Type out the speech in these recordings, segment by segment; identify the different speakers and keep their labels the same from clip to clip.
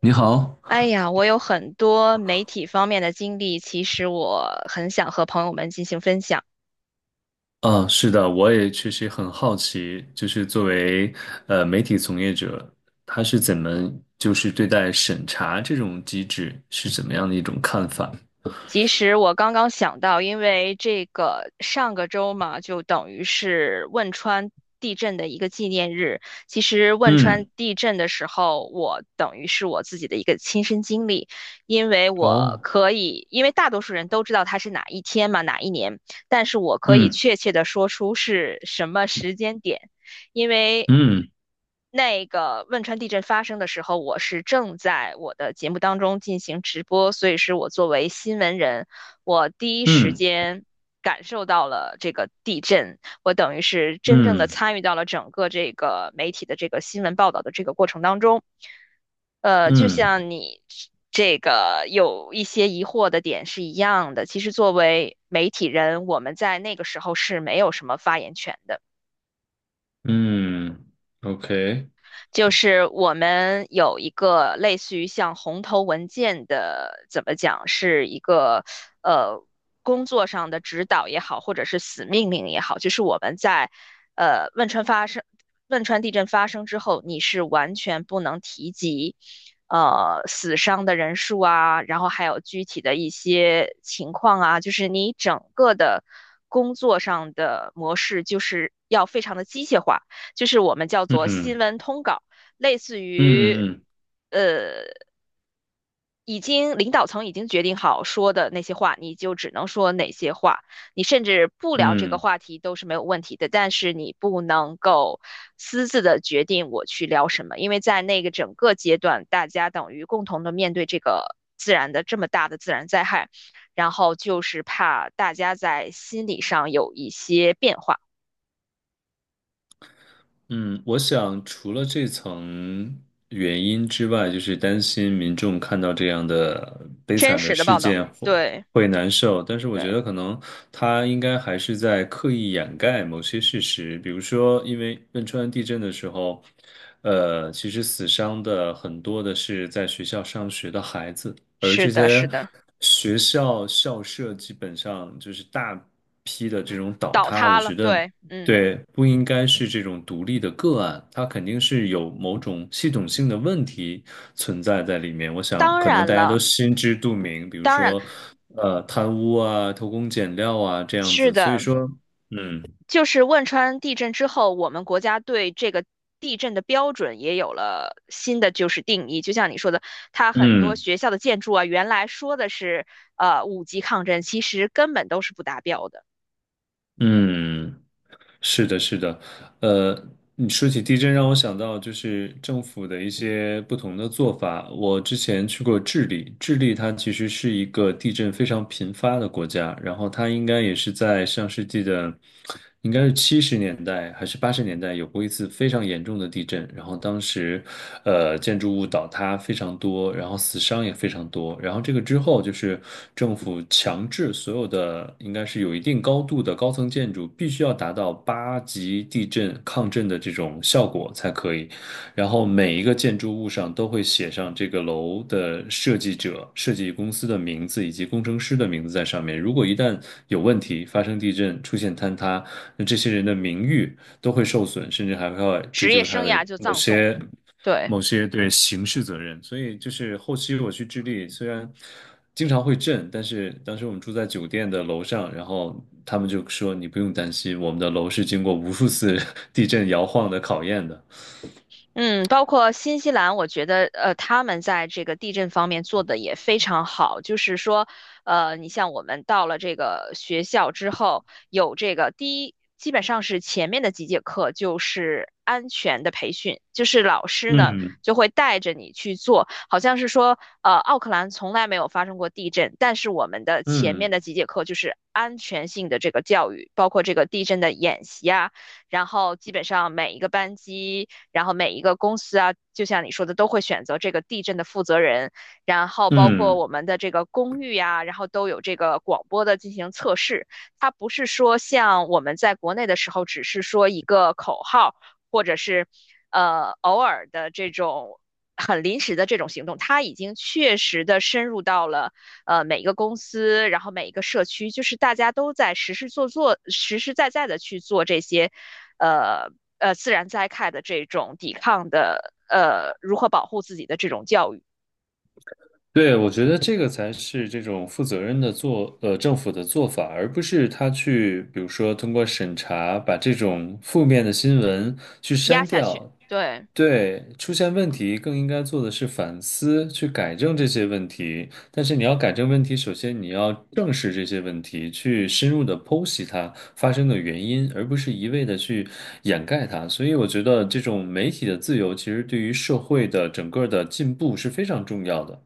Speaker 1: 你好，
Speaker 2: 哎呀，我有很多媒体方面的经历，其实我很想和朋友们进行分享。
Speaker 1: 啊，是的，我也确实很好奇，就是作为媒体从业者，他是怎么就是对待审查这种机制是怎么样的一种看法？
Speaker 2: 其实我刚刚想到，因为这个上个周嘛，就等于是汶川地震的一个纪念日。其实汶川
Speaker 1: 嗯，
Speaker 2: 地震的时候，我等于是我自己的一个亲身经历，因为我
Speaker 1: 哦，
Speaker 2: 可以，因为大多数人都知道它是哪一天嘛，哪一年，但是我可以
Speaker 1: 嗯
Speaker 2: 确切的说出是什么时间点。因为
Speaker 1: 嗯
Speaker 2: 那个汶川地震发生的时候，我是正在我的节目当中进行直播，所以是我作为新闻人，我第一
Speaker 1: 嗯
Speaker 2: 时间感受到了这个地震，我等于是真正的
Speaker 1: 嗯
Speaker 2: 参与到了整个这个媒体的这个新闻报道的这个过程当中。就
Speaker 1: 嗯
Speaker 2: 像你这个有一些疑惑的点是一样的，其实作为媒体人，我们在那个时候是没有什么发言权的。
Speaker 1: 嗯，OK，
Speaker 2: 就是我们有一个类似于像红头文件的，怎么讲，是一个呃工作上的指导也好，或者是死命令也好，就是我们在呃汶川发生汶川地震发生之后，你是完全不能提及。呃，死伤的人数啊，然后还有具体的一些情况啊，就是你整个的工作上的模式，就是要非常的机械化，就是我们叫
Speaker 1: 嗯
Speaker 2: 做新
Speaker 1: 嗯
Speaker 2: 闻通稿。类似于，
Speaker 1: 嗯嗯
Speaker 2: 呃，已经领导层已经决定好说的那些话，你就只能说哪些话。你甚至不聊这个
Speaker 1: 嗯。
Speaker 2: 话题都是没有问题的，但是你不能够私自的决定我去聊什么，因为在那个整个阶段，大家等于共同的面对这个自然的这么大的自然灾害，然后就是怕大家在心理上有一些变化。
Speaker 1: 嗯，我想除了这层原因之外，就是担心民众看到这样的悲
Speaker 2: 真
Speaker 1: 惨的
Speaker 2: 实的
Speaker 1: 事
Speaker 2: 报道，
Speaker 1: 件会
Speaker 2: 对
Speaker 1: 会难受，但是我
Speaker 2: 对，
Speaker 1: 觉得可能他应该还是在刻意掩盖某些事实，比如说，因为汶川地震的时候，其实死伤的很多的是在学校上学的孩子，而
Speaker 2: 是
Speaker 1: 这
Speaker 2: 的，是
Speaker 1: 些
Speaker 2: 的，
Speaker 1: 学校校舍基本上就是大批的这种倒
Speaker 2: 倒
Speaker 1: 塌，我
Speaker 2: 塌了，
Speaker 1: 觉得。
Speaker 2: 对，嗯。
Speaker 1: 对，不应该是这种独立的个案，它肯定是有某种系统性的问题存在在里面。我想，
Speaker 2: 当
Speaker 1: 可能
Speaker 2: 然
Speaker 1: 大家
Speaker 2: 了，
Speaker 1: 都心知肚明，比如
Speaker 2: 当然了，
Speaker 1: 说，贪污啊、偷工减料啊这样
Speaker 2: 是
Speaker 1: 子。所以
Speaker 2: 的，
Speaker 1: 说，嗯
Speaker 2: 就是汶川地震之后，我们国家对这个地震的标准也有了新的就是定义。就像你说的，它很多
Speaker 1: 嗯
Speaker 2: 学校的建筑啊，原来说的是五级抗震，其实根本都是不达标的，
Speaker 1: 嗯。是的，是的，呃，你说起地震，让我想到就是政府的一些不同的做法。我之前去过智利，智利它其实是一个地震非常频发的国家，然后它应该也是在上世纪的，应该是70年代还是80年代有过一次非常严重的地震，然后当时，建筑物倒塌非常多，然后死伤也非常多。然后这个之后，就是政府强制所有的应该是有一定高度的高层建筑必须要达到8级地震抗震的这种效果才可以。然后每一个建筑物上都会写上这个楼的设计者、设计公司的名字以及工程师的名字在上面。如果一旦有问题，发生地震、出现坍塌，那这些人的名誉都会受损，甚至还会追
Speaker 2: 职业
Speaker 1: 究他
Speaker 2: 生
Speaker 1: 的
Speaker 2: 涯就
Speaker 1: 某
Speaker 2: 葬送了。
Speaker 1: 些
Speaker 2: 对。
Speaker 1: 某些对刑事责任。所以就是后期我去智利，虽然经常会震，但是当时我们住在酒店的楼上，然后他们就说你不用担心，我们的楼是经过无数次 地震摇晃的考验的。
Speaker 2: 嗯，包括新西兰，我觉得他们在这个地震方面做的也非常好。就是说，呃，你像我们到了这个学校之后，有这个第一，基本上是前面的几节课就是安全的培训，就是老师呢
Speaker 1: 嗯
Speaker 2: 就会带着你去做，好像是说，呃，奥克兰从来没有发生过地震，但是我们的前面
Speaker 1: 嗯
Speaker 2: 的几节课就是安全性的这个教育，包括这个地震的演习啊。然后基本上每一个班级，然后每一个公司啊，就像你说的，都会选择这个地震的负责人，然后包括
Speaker 1: 嗯，
Speaker 2: 我们的这个公寓呀、然后都有这个广播的进行测试。它不是说像我们在国内的时候，只是说一个口号，或者是偶尔的这种很临时的这种行动，它已经确实的深入到了。每一个公司，然后每一个社区，就是大家都在实实做做、实实在在的去做这些，呃自然灾害的这种抵抗的，如何保护自己的这种教育
Speaker 1: 对，我觉得这个才是这种负责任的做，政府的做法，而不是他去，比如说通过审查把这种负面的新闻去
Speaker 2: 压
Speaker 1: 删
Speaker 2: 下去。
Speaker 1: 掉，
Speaker 2: 对，
Speaker 1: 对，出现问题更应该做的是反思，去改正这些问题。但是你要改正问题，首先你要正视这些问题，去深入的剖析它发生的原因，而不是一味的去掩盖它。所以我觉得这种媒体的自由，其实对于社会的整个的进步是非常重要的。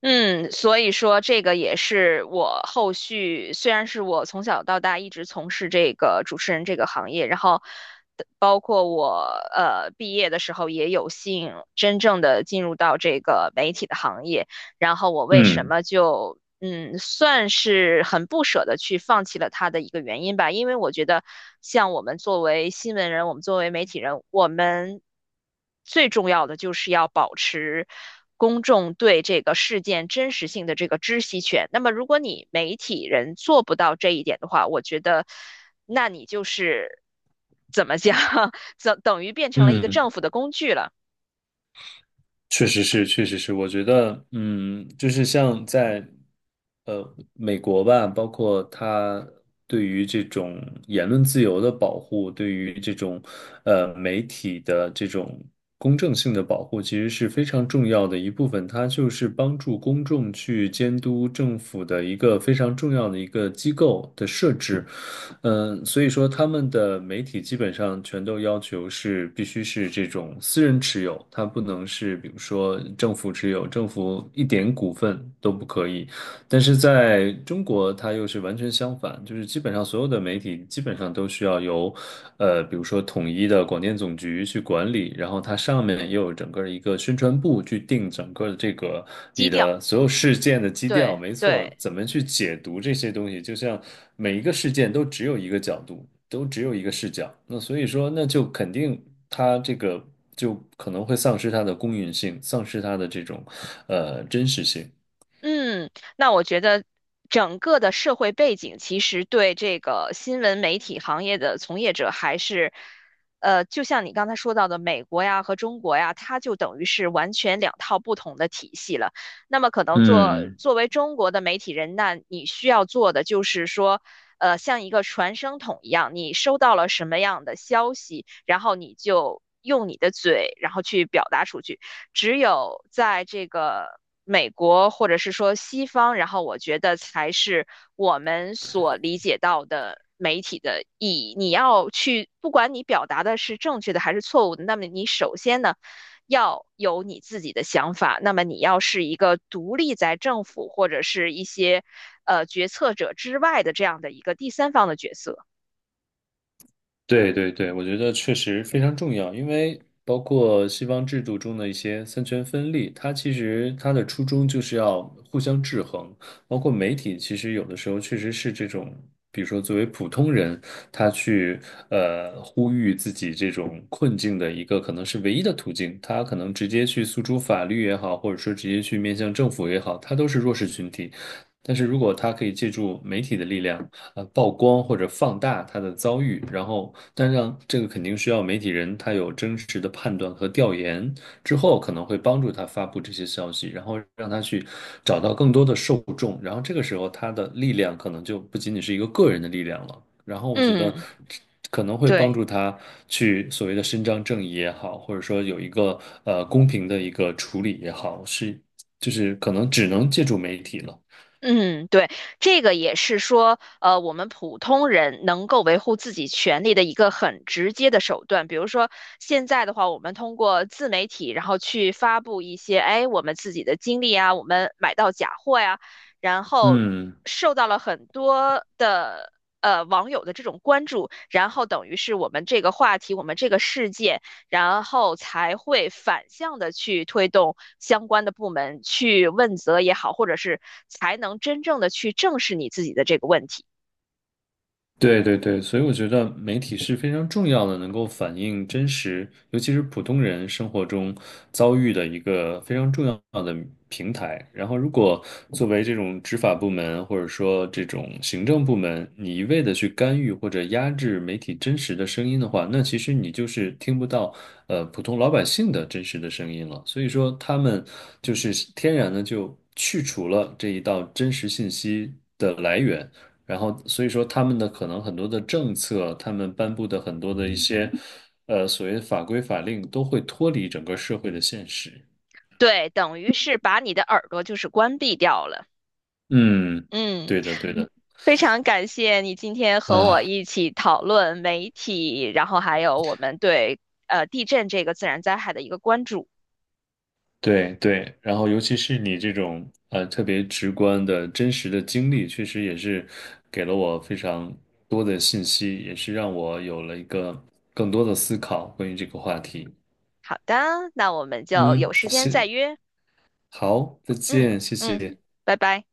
Speaker 2: 嗯，所以说这个也是我后续，虽然是我从小到大一直从事这个主持人这个行业，然后。包括我毕业的时候也有幸真正的进入到这个媒体的行业，然后我为什
Speaker 1: 嗯
Speaker 2: 么就嗯，算是很不舍得去放弃了他的一个原因吧，因为我觉得像我们作为新闻人，我们作为媒体人，我们最重要的就是要保持。公众对这个事件真实性的这个知悉权。那么，如果你媒体人做不到这一点的话，我觉得，那你就是怎么讲，等等于变成了一个
Speaker 1: 嗯。
Speaker 2: 政府的工具了，
Speaker 1: 确实是，确实是，我觉得，嗯，就是像在，美国吧，包括它对于这种言论自由的保护，对于这种，媒体的这种公正性的保护，其实是非常重要的一部分。它就是帮助公众去监督政府的一个非常重要的一个机构的设置。嗯，所以说他们的媒体基本上全都要求是必须是这种私人持有，它不能是比如说政府持有，政府一点股份都不可以。但是在中国，它又是完全相反，就是基本上所有的媒体基本上都需要由，比如说统一的广电总局去管理，然后它上面又有整个一个宣传部去定整个的这个你
Speaker 2: 低调。
Speaker 1: 的所有事件的基调，
Speaker 2: 对
Speaker 1: 没错，
Speaker 2: 对，
Speaker 1: 怎么去解读这些东西，就像每一个事件都只有一个角度，都只有一个视角，那所以说，那就肯定它这个就可能会丧失它的公允性，丧失它的这种真实性，
Speaker 2: 嗯，那我觉得整个的社会背景其实对这个新闻媒体行业的从业者还是，呃，就像你刚才说到的，美国呀和中国呀，它就等于是完全两套不同的体系了。那么可能作
Speaker 1: 嗯。
Speaker 2: 作为中国的媒体人，那你需要做的就是说，呃，像一个传声筒一样，你收到了什么样的消息，然后你就用你的嘴，然后去表达出去。只有在这个美国或者是说西方，然后我觉得才是我们所理解到的媒体的意义。你要去，不管你表达的是正确的还是错误的，那么你首先呢？要有你自己的想法，那么你要是一个独立在政府或者是一些决策者之外的这样的一个第三方的角色。
Speaker 1: 对对对，我觉得确实非常重要，因为包括西方制度中的一些三权分立，它其实它的初衷就是要互相制衡。包括媒体，其实有的时候确实是这种，比如说作为普通人，他去呼吁自己这种困境的一个可能是唯一的途径，他可能直接去诉诸法律也好，或者说直接去面向政府也好，他都是弱势群体。但是如果他可以借助媒体的力量，曝光或者放大他的遭遇，然后但让这个肯定需要媒体人他有真实的判断和调研之后，可能会帮助他发布这些消息，然后让他去找到更多的受众，然后这个时候他的力量可能就不仅仅是一个个人的力量了，然后我觉得。
Speaker 2: 嗯，
Speaker 1: 可能会帮
Speaker 2: 对。
Speaker 1: 助他去所谓的伸张正义也好，或者说有一个公平的一个处理也好，是就是可能只能借助媒体了。
Speaker 2: 嗯，对，这个也是说，呃，我们普通人能够维护自己权利的一个很直接的手段。比如说，现在的话，我们通过自媒体，然后去发布一些，哎，我们自己的经历啊，我们买到假货呀，然后
Speaker 1: 嗯。
Speaker 2: 受到了很多的网友的这种关注，然后等于是我们这个话题，我们这个世界。然后才会反向的去推动相关的部门去问责也好，或者是才能真正的去正视你自己的这个问题。
Speaker 1: 对对对，所以我觉得媒体是非常重要的，能够反映真实，尤其是普通人生活中遭遇的一个非常重要的平台。然后，如果作为这种执法部门或者说这种行政部门，你一味的去干预或者压制媒体真实的声音的话，那其实你就是听不到普通老百姓的真实的声音了。所以说，他们就是天然的就去除了这一道真实信息的来源。然后所以说他们的可能很多的政策，他们颁布的很多的一些所谓的法规法令都会脱离整个社会的现实。
Speaker 2: 对，等于是把你的耳朵就是关闭掉了。
Speaker 1: 嗯，
Speaker 2: 嗯，
Speaker 1: 对的，对的。
Speaker 2: 非常感谢你今天和我
Speaker 1: 啊，
Speaker 2: 一起讨论媒体，然后还有我们对地震这个自然灾害的一个关注。
Speaker 1: 对对，然后尤其是你这种特别直观的真实的经历，确实也是给了我非常多的信息，也是让我有了一个更多的思考关于这个话题。
Speaker 2: 好的，那我们就
Speaker 1: 嗯，
Speaker 2: 有时间再
Speaker 1: 行，
Speaker 2: 约。
Speaker 1: 好，再
Speaker 2: 嗯
Speaker 1: 见，谢
Speaker 2: 嗯，
Speaker 1: 谢。
Speaker 2: 拜拜。